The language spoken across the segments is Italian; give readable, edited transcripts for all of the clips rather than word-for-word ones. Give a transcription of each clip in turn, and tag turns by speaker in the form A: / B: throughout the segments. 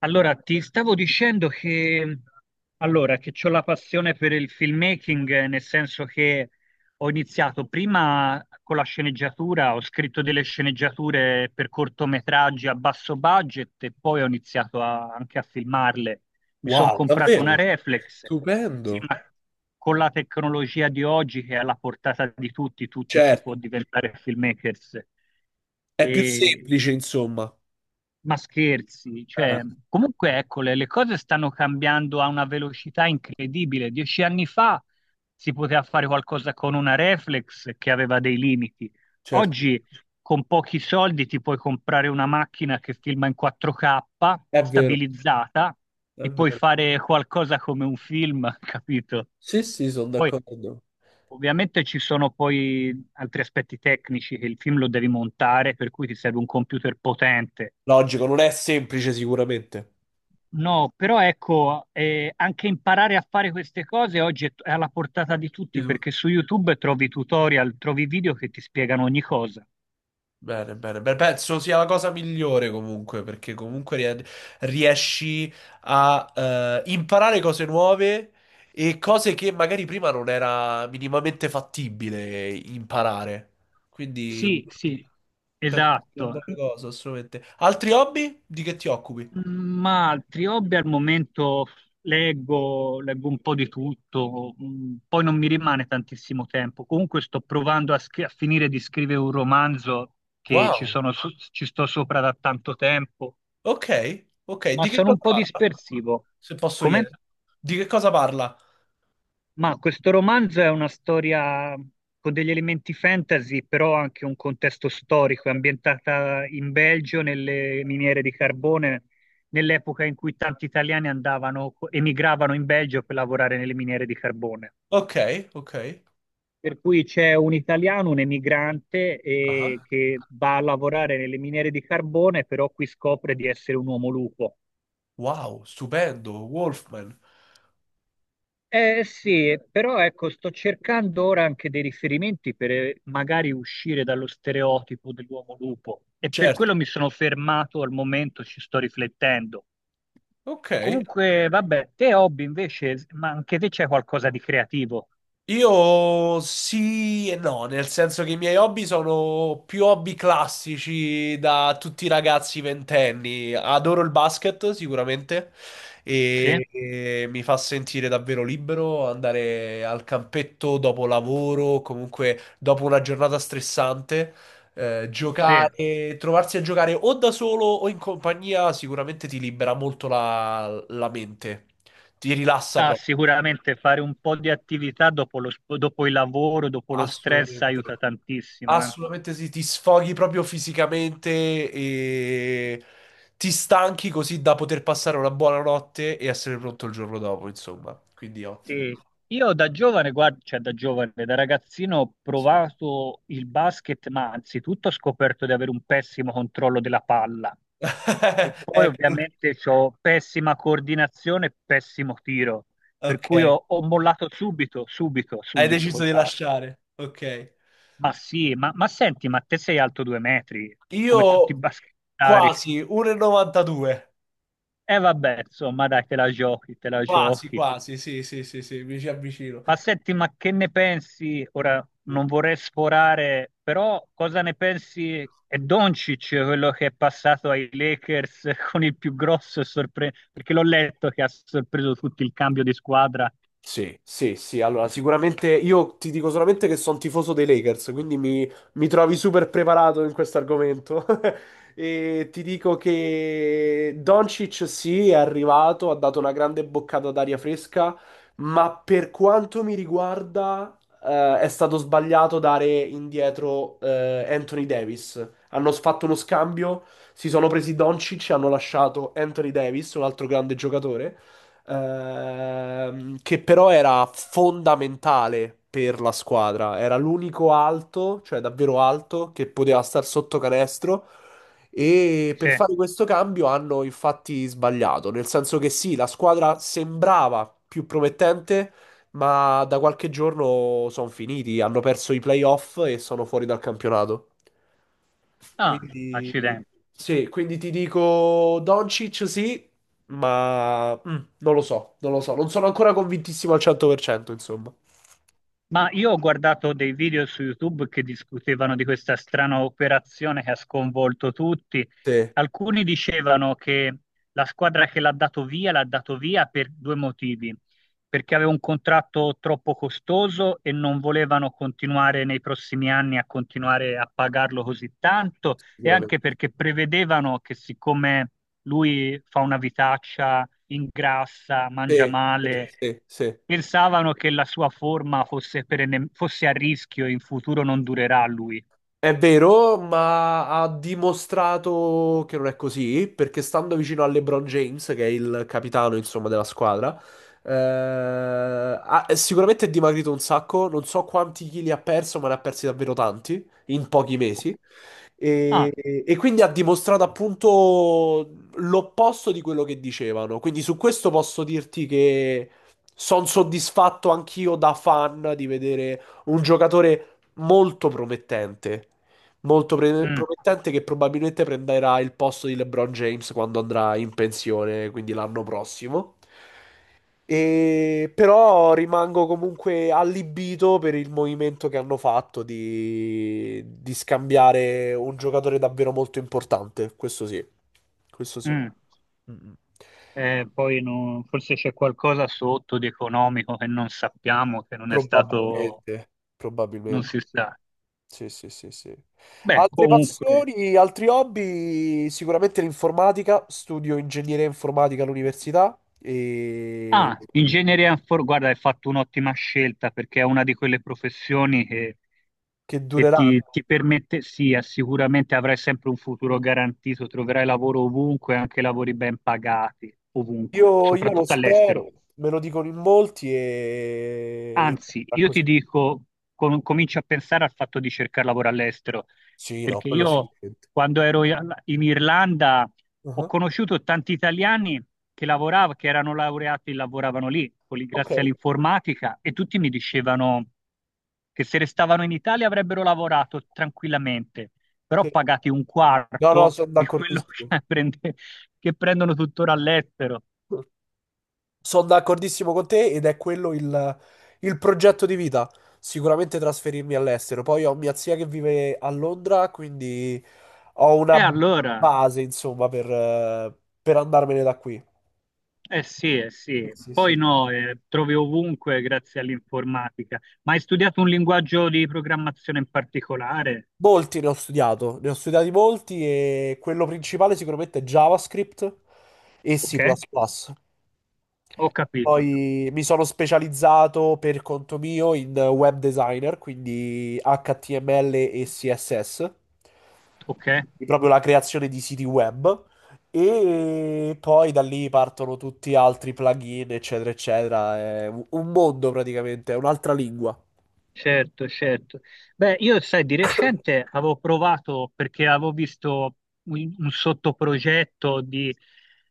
A: Allora, ti stavo dicendo che ho la passione per il filmmaking, nel senso che ho iniziato prima con la sceneggiatura, ho scritto delle sceneggiature per cortometraggi a basso budget e poi ho iniziato anche a filmarle. Mi sono
B: Wow,
A: comprato una
B: davvero?
A: reflex. Sì,
B: Stupendo.
A: ma con la tecnologia di oggi che è alla portata di tutti, tutti si può
B: Certo,
A: diventare filmmakers.
B: è più
A: E
B: semplice, insomma.
A: ma scherzi, cioè,
B: Eh,
A: comunque ecco, le cose stanno cambiando a una velocità incredibile. 10 anni fa si poteva fare qualcosa con una reflex che aveva dei limiti.
B: certo,
A: Oggi con pochi soldi ti puoi comprare una macchina che filma in 4K
B: è vero,
A: stabilizzata
B: è
A: e puoi
B: vero.
A: fare qualcosa come un film, capito?
B: Sì, sì, sono
A: Poi
B: d'accordo.
A: ovviamente ci sono poi altri aspetti tecnici che il film lo devi montare, per cui ti serve un computer potente.
B: Logico, non è semplice sicuramente.
A: No, però ecco, anche imparare a fare queste cose oggi è alla portata di tutti perché su YouTube trovi tutorial, trovi video che ti spiegano ogni cosa.
B: Bene, bene, bene. Penso sia la cosa migliore comunque, perché comunque riesci a imparare cose nuove e cose che magari prima non era minimamente fattibile imparare. Quindi
A: Sì, sì.
B: penso sia una
A: Esatto.
B: buona cosa, assolutamente. Altri hobby? Di che ti occupi?
A: Mm, ma altri hobby al momento leggo un po' di tutto, poi non mi rimane tantissimo tempo. Comunque sto provando a finire di scrivere un romanzo che
B: Wow.
A: ci sto sopra da tanto tempo,
B: Ok, ok.
A: ma
B: Di che
A: sono
B: cosa
A: un po'
B: parla?
A: dispersivo.
B: Se posso
A: Come?
B: chiedere. Di che cosa parla?
A: Ma questo romanzo è una storia con degli elementi fantasy, però anche un contesto storico, è ambientata in Belgio, nelle miniere di carbone, nell'epoca in cui tanti italiani andavano, emigravano in Belgio per lavorare nelle miniere di carbone.
B: Ok, ok.
A: Per cui c'è un italiano, un emigrante,
B: Ah.
A: che va a lavorare nelle miniere di carbone, però qui scopre di essere un uomo lupo.
B: Wow, stupendo, Wolfman.
A: Eh sì, però ecco, sto cercando ora anche dei riferimenti per magari uscire dallo stereotipo dell'uomo lupo e per
B: Certo.
A: quello mi sono fermato al momento, ci sto riflettendo.
B: Ok. Ok.
A: Comunque, vabbè, te hobby invece, ma anche te c'è qualcosa di creativo?
B: Io sì e no, nel senso che i miei hobby sono più hobby classici da tutti i ragazzi ventenni. Adoro il basket sicuramente
A: Sì?
B: e mi fa sentire davvero libero andare al campetto dopo lavoro, comunque dopo una giornata stressante,
A: Sì.
B: giocare, trovarsi a giocare o da solo o in compagnia sicuramente ti libera molto la mente, ti rilassa
A: Ah,
B: proprio.
A: sicuramente fare un po' di attività dopo lo dopo il lavoro, dopo lo stress
B: Assolutamente,
A: aiuta tantissimo, eh.
B: assolutamente sì, ti sfoghi proprio fisicamente e ti stanchi così da poter passare una buona notte e essere pronto il giorno dopo, insomma, quindi ottimo.
A: Sì. Io da giovane, guarda, cioè da giovane, da ragazzino ho
B: Sì.
A: provato il basket, ma anzitutto ho scoperto di avere un pessimo controllo della palla e poi
B: Ecco,
A: ovviamente ho pessima coordinazione e pessimo tiro, per cui
B: ok,
A: ho mollato subito, subito,
B: hai
A: subito
B: deciso
A: col
B: di
A: basket.
B: lasciare, ok.
A: Ma sì, ma senti, ma te sei alto 2 metri,
B: Io
A: come tutti i basketari.
B: quasi 1,92,
A: E vabbè, insomma, dai, te la giochi, te la
B: quasi,
A: giochi.
B: quasi, sì, sì, sì, sì, mi ci avvicino.
A: Ma senti, ma che ne pensi? Ora non vorrei sforare, però cosa ne pensi? È Doncic quello che è passato ai Lakers con il più grosso sorpreso, perché l'ho letto che ha sorpreso tutti il cambio di squadra.
B: Sì, sì, sì. Allora, sicuramente io ti dico solamente che sono tifoso dei Lakers, quindi mi trovi super preparato in questo argomento. E ti dico che Doncic sì, è arrivato, ha dato una grande boccata d'aria fresca, ma per quanto mi riguarda, è stato sbagliato dare indietro, Anthony Davis. Hanno fatto uno scambio, si sono presi Doncic e hanno lasciato Anthony Davis, un altro grande giocatore che però era fondamentale per la squadra. Era l'unico alto, cioè davvero alto, che poteva star sotto canestro. E per
A: Sì.
B: fare questo cambio hanno infatti sbagliato, nel senso che sì, la squadra sembrava più promettente, ma da qualche giorno sono finiti, hanno perso i playoff e sono fuori dal campionato.
A: Ah,
B: Quindi,
A: accidenti.
B: sì, quindi ti dico Doncic sì, ma non lo so, non lo so. Non sono ancora convintissimo al 100%, insomma.
A: Ma io ho guardato dei video su YouTube che discutevano di questa strana operazione che ha sconvolto tutti.
B: Sì,
A: Alcuni dicevano che la squadra che l'ha dato via per due motivi, perché aveva un contratto troppo costoso e non volevano continuare nei prossimi anni a continuare a pagarlo così tanto e anche
B: sicuramente.
A: perché prevedevano che siccome lui fa una vitaccia ingrassa, mangia
B: Sì, sì,
A: male,
B: sì, sì.
A: pensavano che la sua forma fosse, perenne- fosse a rischio e in futuro non durerà a lui.
B: È vero, ma ha dimostrato che non è così, perché stando vicino a LeBron James, che è il capitano, insomma, della squadra, è sicuramente è dimagrito un sacco, non so quanti chili ha perso, ma ne ha persi davvero tanti in pochi mesi.
A: Ah,
B: E, e quindi ha dimostrato appunto l'opposto di quello che dicevano. Quindi su questo posso dirti che sono soddisfatto anch'io da fan di vedere un giocatore molto promettente.
A: mm,
B: Promettente che probabilmente prenderà il posto di LeBron James quando andrà in pensione, quindi l'anno prossimo. E però rimango comunque allibito per il movimento che hanno fatto di scambiare un giocatore davvero molto importante. Questo sì, questo sì.
A: mm.
B: Mm, mm.
A: Poi forse c'è qualcosa sotto di economico che non sappiamo, che non è stato,
B: Probabilmente,
A: non
B: probabilmente.
A: si sa.
B: Sì, sì, sì, sì.
A: Beh,
B: Altre
A: comunque.
B: passioni, altri hobby? Sicuramente l'informatica, studio ingegneria informatica all'università e
A: Ah, ingegnere guarda, hai fatto un'ottima scelta perché è una di quelle professioni che,
B: che
A: che ti,
B: dureranno.
A: ti permette, sì, sicuramente avrai sempre un futuro garantito, troverai lavoro ovunque, anche lavori ben pagati, ovunque,
B: Io lo
A: soprattutto all'estero.
B: spero, me lo dicono in molti e...
A: Anzi,
B: sarà
A: io
B: così.
A: ti dico, cominci a pensare al fatto di cercare lavoro all'estero,
B: Sì, no,
A: perché
B: quello
A: io
B: sicuramente.
A: quando ero in Irlanda ho
B: Ah,
A: conosciuto tanti italiani che lavoravano, che erano laureati e lavoravano lì, con
B: ok,
A: grazie all'informatica, e tutti mi dicevano che se restavano in Italia avrebbero lavorato tranquillamente, però
B: sì.
A: pagati un
B: No, no,
A: quarto
B: sono
A: di quello
B: d'accordissimo.
A: che, che prendono tuttora all'estero.
B: Sono d'accordissimo con te ed è quello il progetto di vita. Sicuramente trasferirmi all'estero. Poi ho mia zia che vive a Londra, quindi ho
A: E
B: una
A: allora.
B: base, insomma, per andarmene da qui.
A: Sì, eh
B: Sì,
A: sì,
B: sì,
A: poi
B: sì.
A: no, trovi ovunque grazie all'informatica. Ma hai studiato un linguaggio di programmazione in particolare?
B: Molti ne ho studiato, ne ho studiati molti e quello principale sicuramente è JavaScript e C++.
A: Ok,
B: Plus plus.
A: ho capito.
B: Poi mi sono specializzato per conto mio in web designer, quindi HTML e CSS.
A: Ok.
B: Proprio la creazione di siti web e poi da lì partono tutti altri plugin, eccetera, eccetera. È un mondo praticamente, è un'altra lingua.
A: Certo, certo. Beh, io sai, di recente avevo provato perché avevo visto un sottoprogetto di,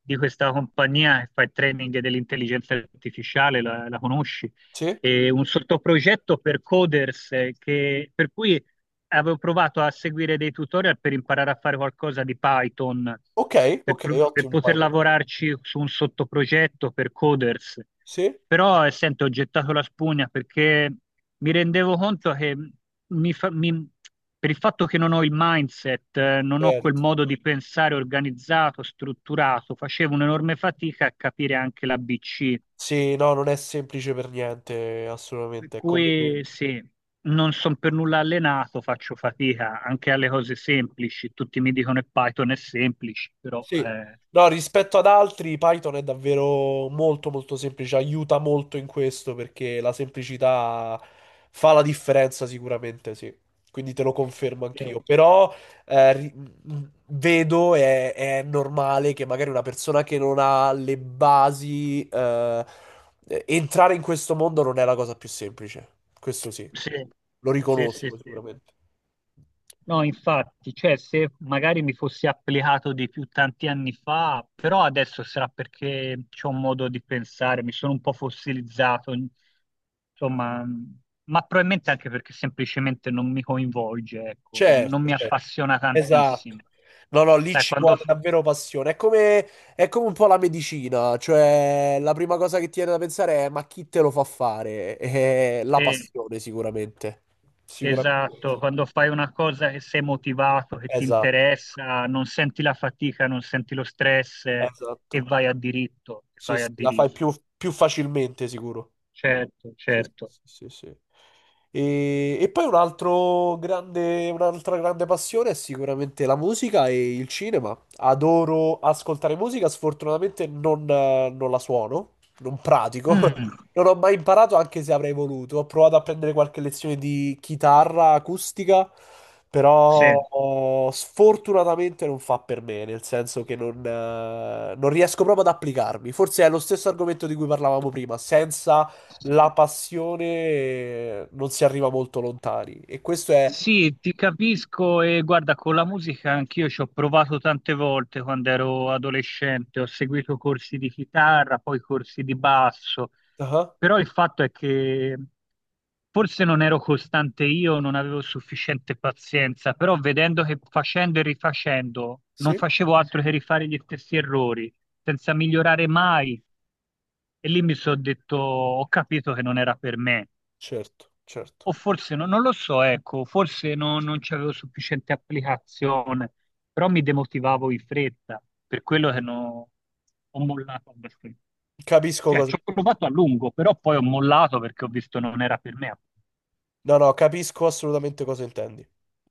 A: di questa compagnia che fa il training dell'intelligenza artificiale, la conosci?
B: Sì?
A: E un sottoprogetto per coders per cui avevo provato a seguire dei tutorial per imparare a fare qualcosa di Python,
B: Ok,
A: per,
B: ok,
A: pro- per
B: ottimo
A: poter
B: Python.
A: lavorarci su un sottoprogetto per coders.
B: Sì?
A: Però, sento, ho gettato la spugna perché mi rendevo conto che mi fa- mi- per il fatto che non ho il mindset, non ho quel
B: Certo.
A: modo di pensare organizzato, strutturato, facevo un'enorme fatica a capire anche l'ABC.
B: Sì, no, non è semplice per niente,
A: Per
B: assolutamente. È come...
A: cui sì, non sono per nulla allenato, faccio fatica anche alle cose semplici. Tutti mi dicono che Python è semplice, però
B: Sì. No, rispetto ad altri, Python è davvero molto molto semplice, aiuta molto in questo perché la semplicità fa la differenza sicuramente, sì. Quindi te lo confermo
A: eh,
B: anch'io. Però vedo e è, normale che magari una persona che non ha le basi, entrare in questo mondo non è la cosa più semplice. Questo sì,
A: sì,
B: lo
A: sì, sì,
B: riconosco
A: sì.
B: sicuramente.
A: No, infatti, cioè se magari mi fossi applicato di più tanti anni fa, però adesso sarà perché c'ho un modo di pensare, mi sono un po' fossilizzato, insomma, ma probabilmente anche perché semplicemente non mi coinvolge, ecco, non
B: Certo,
A: mi
B: certo.
A: appassiona tantissimo.
B: Esatto. No, no, lì
A: Sai,
B: ci vuole davvero passione. È come un po' la medicina, cioè la prima cosa che ti viene da pensare è ma chi te lo fa fare? È la
A: sì,
B: passione, sicuramente. Sicuramente.
A: esatto, quando fai una cosa che sei motivato, che ti
B: Esatto,
A: interessa, non senti la fatica, non senti lo stress e
B: esatto.
A: vai a diritto, e
B: Sì,
A: vai
B: sì,
A: a
B: la fai
A: diritto.
B: più, più facilmente, sicuro.
A: Certo,
B: Sì,
A: certo.
B: sì, sì, sì. E poi un altro grande, un'altra grande passione è sicuramente la musica e il cinema. Adoro ascoltare musica, sfortunatamente non, non la suono, non pratico.
A: Mm.
B: Non ho mai imparato, anche se avrei voluto. Ho provato a prendere qualche lezione di chitarra acustica,
A: Sì,
B: però oh, sfortunatamente non fa per me, nel senso che non, non riesco proprio ad applicarmi. Forse è lo stesso argomento di cui parlavamo prima, senza la passione non si arriva molto lontani. E questo è...
A: sì, ti capisco e guarda, con la musica anch'io ci ho provato tante volte quando ero adolescente, ho seguito corsi di chitarra, poi corsi di basso,
B: Ah,
A: però il fatto è che forse non ero costante io, non avevo sufficiente pazienza, però vedendo che facendo e rifacendo non
B: sì?
A: facevo altro che rifare gli stessi errori, senza migliorare mai, e lì mi sono detto, ho capito che non era per me.
B: Certo, certo.
A: O forse non lo so, ecco, forse non c'avevo sufficiente applicazione, però mi demotivavo in fretta, per quello che ho mollato abbastanza.
B: Capisco
A: Cioè,
B: cosa
A: ci ho
B: intendi.
A: provato a lungo, però poi ho mollato perché ho visto non era per me.
B: No, no, capisco assolutamente cosa intendi.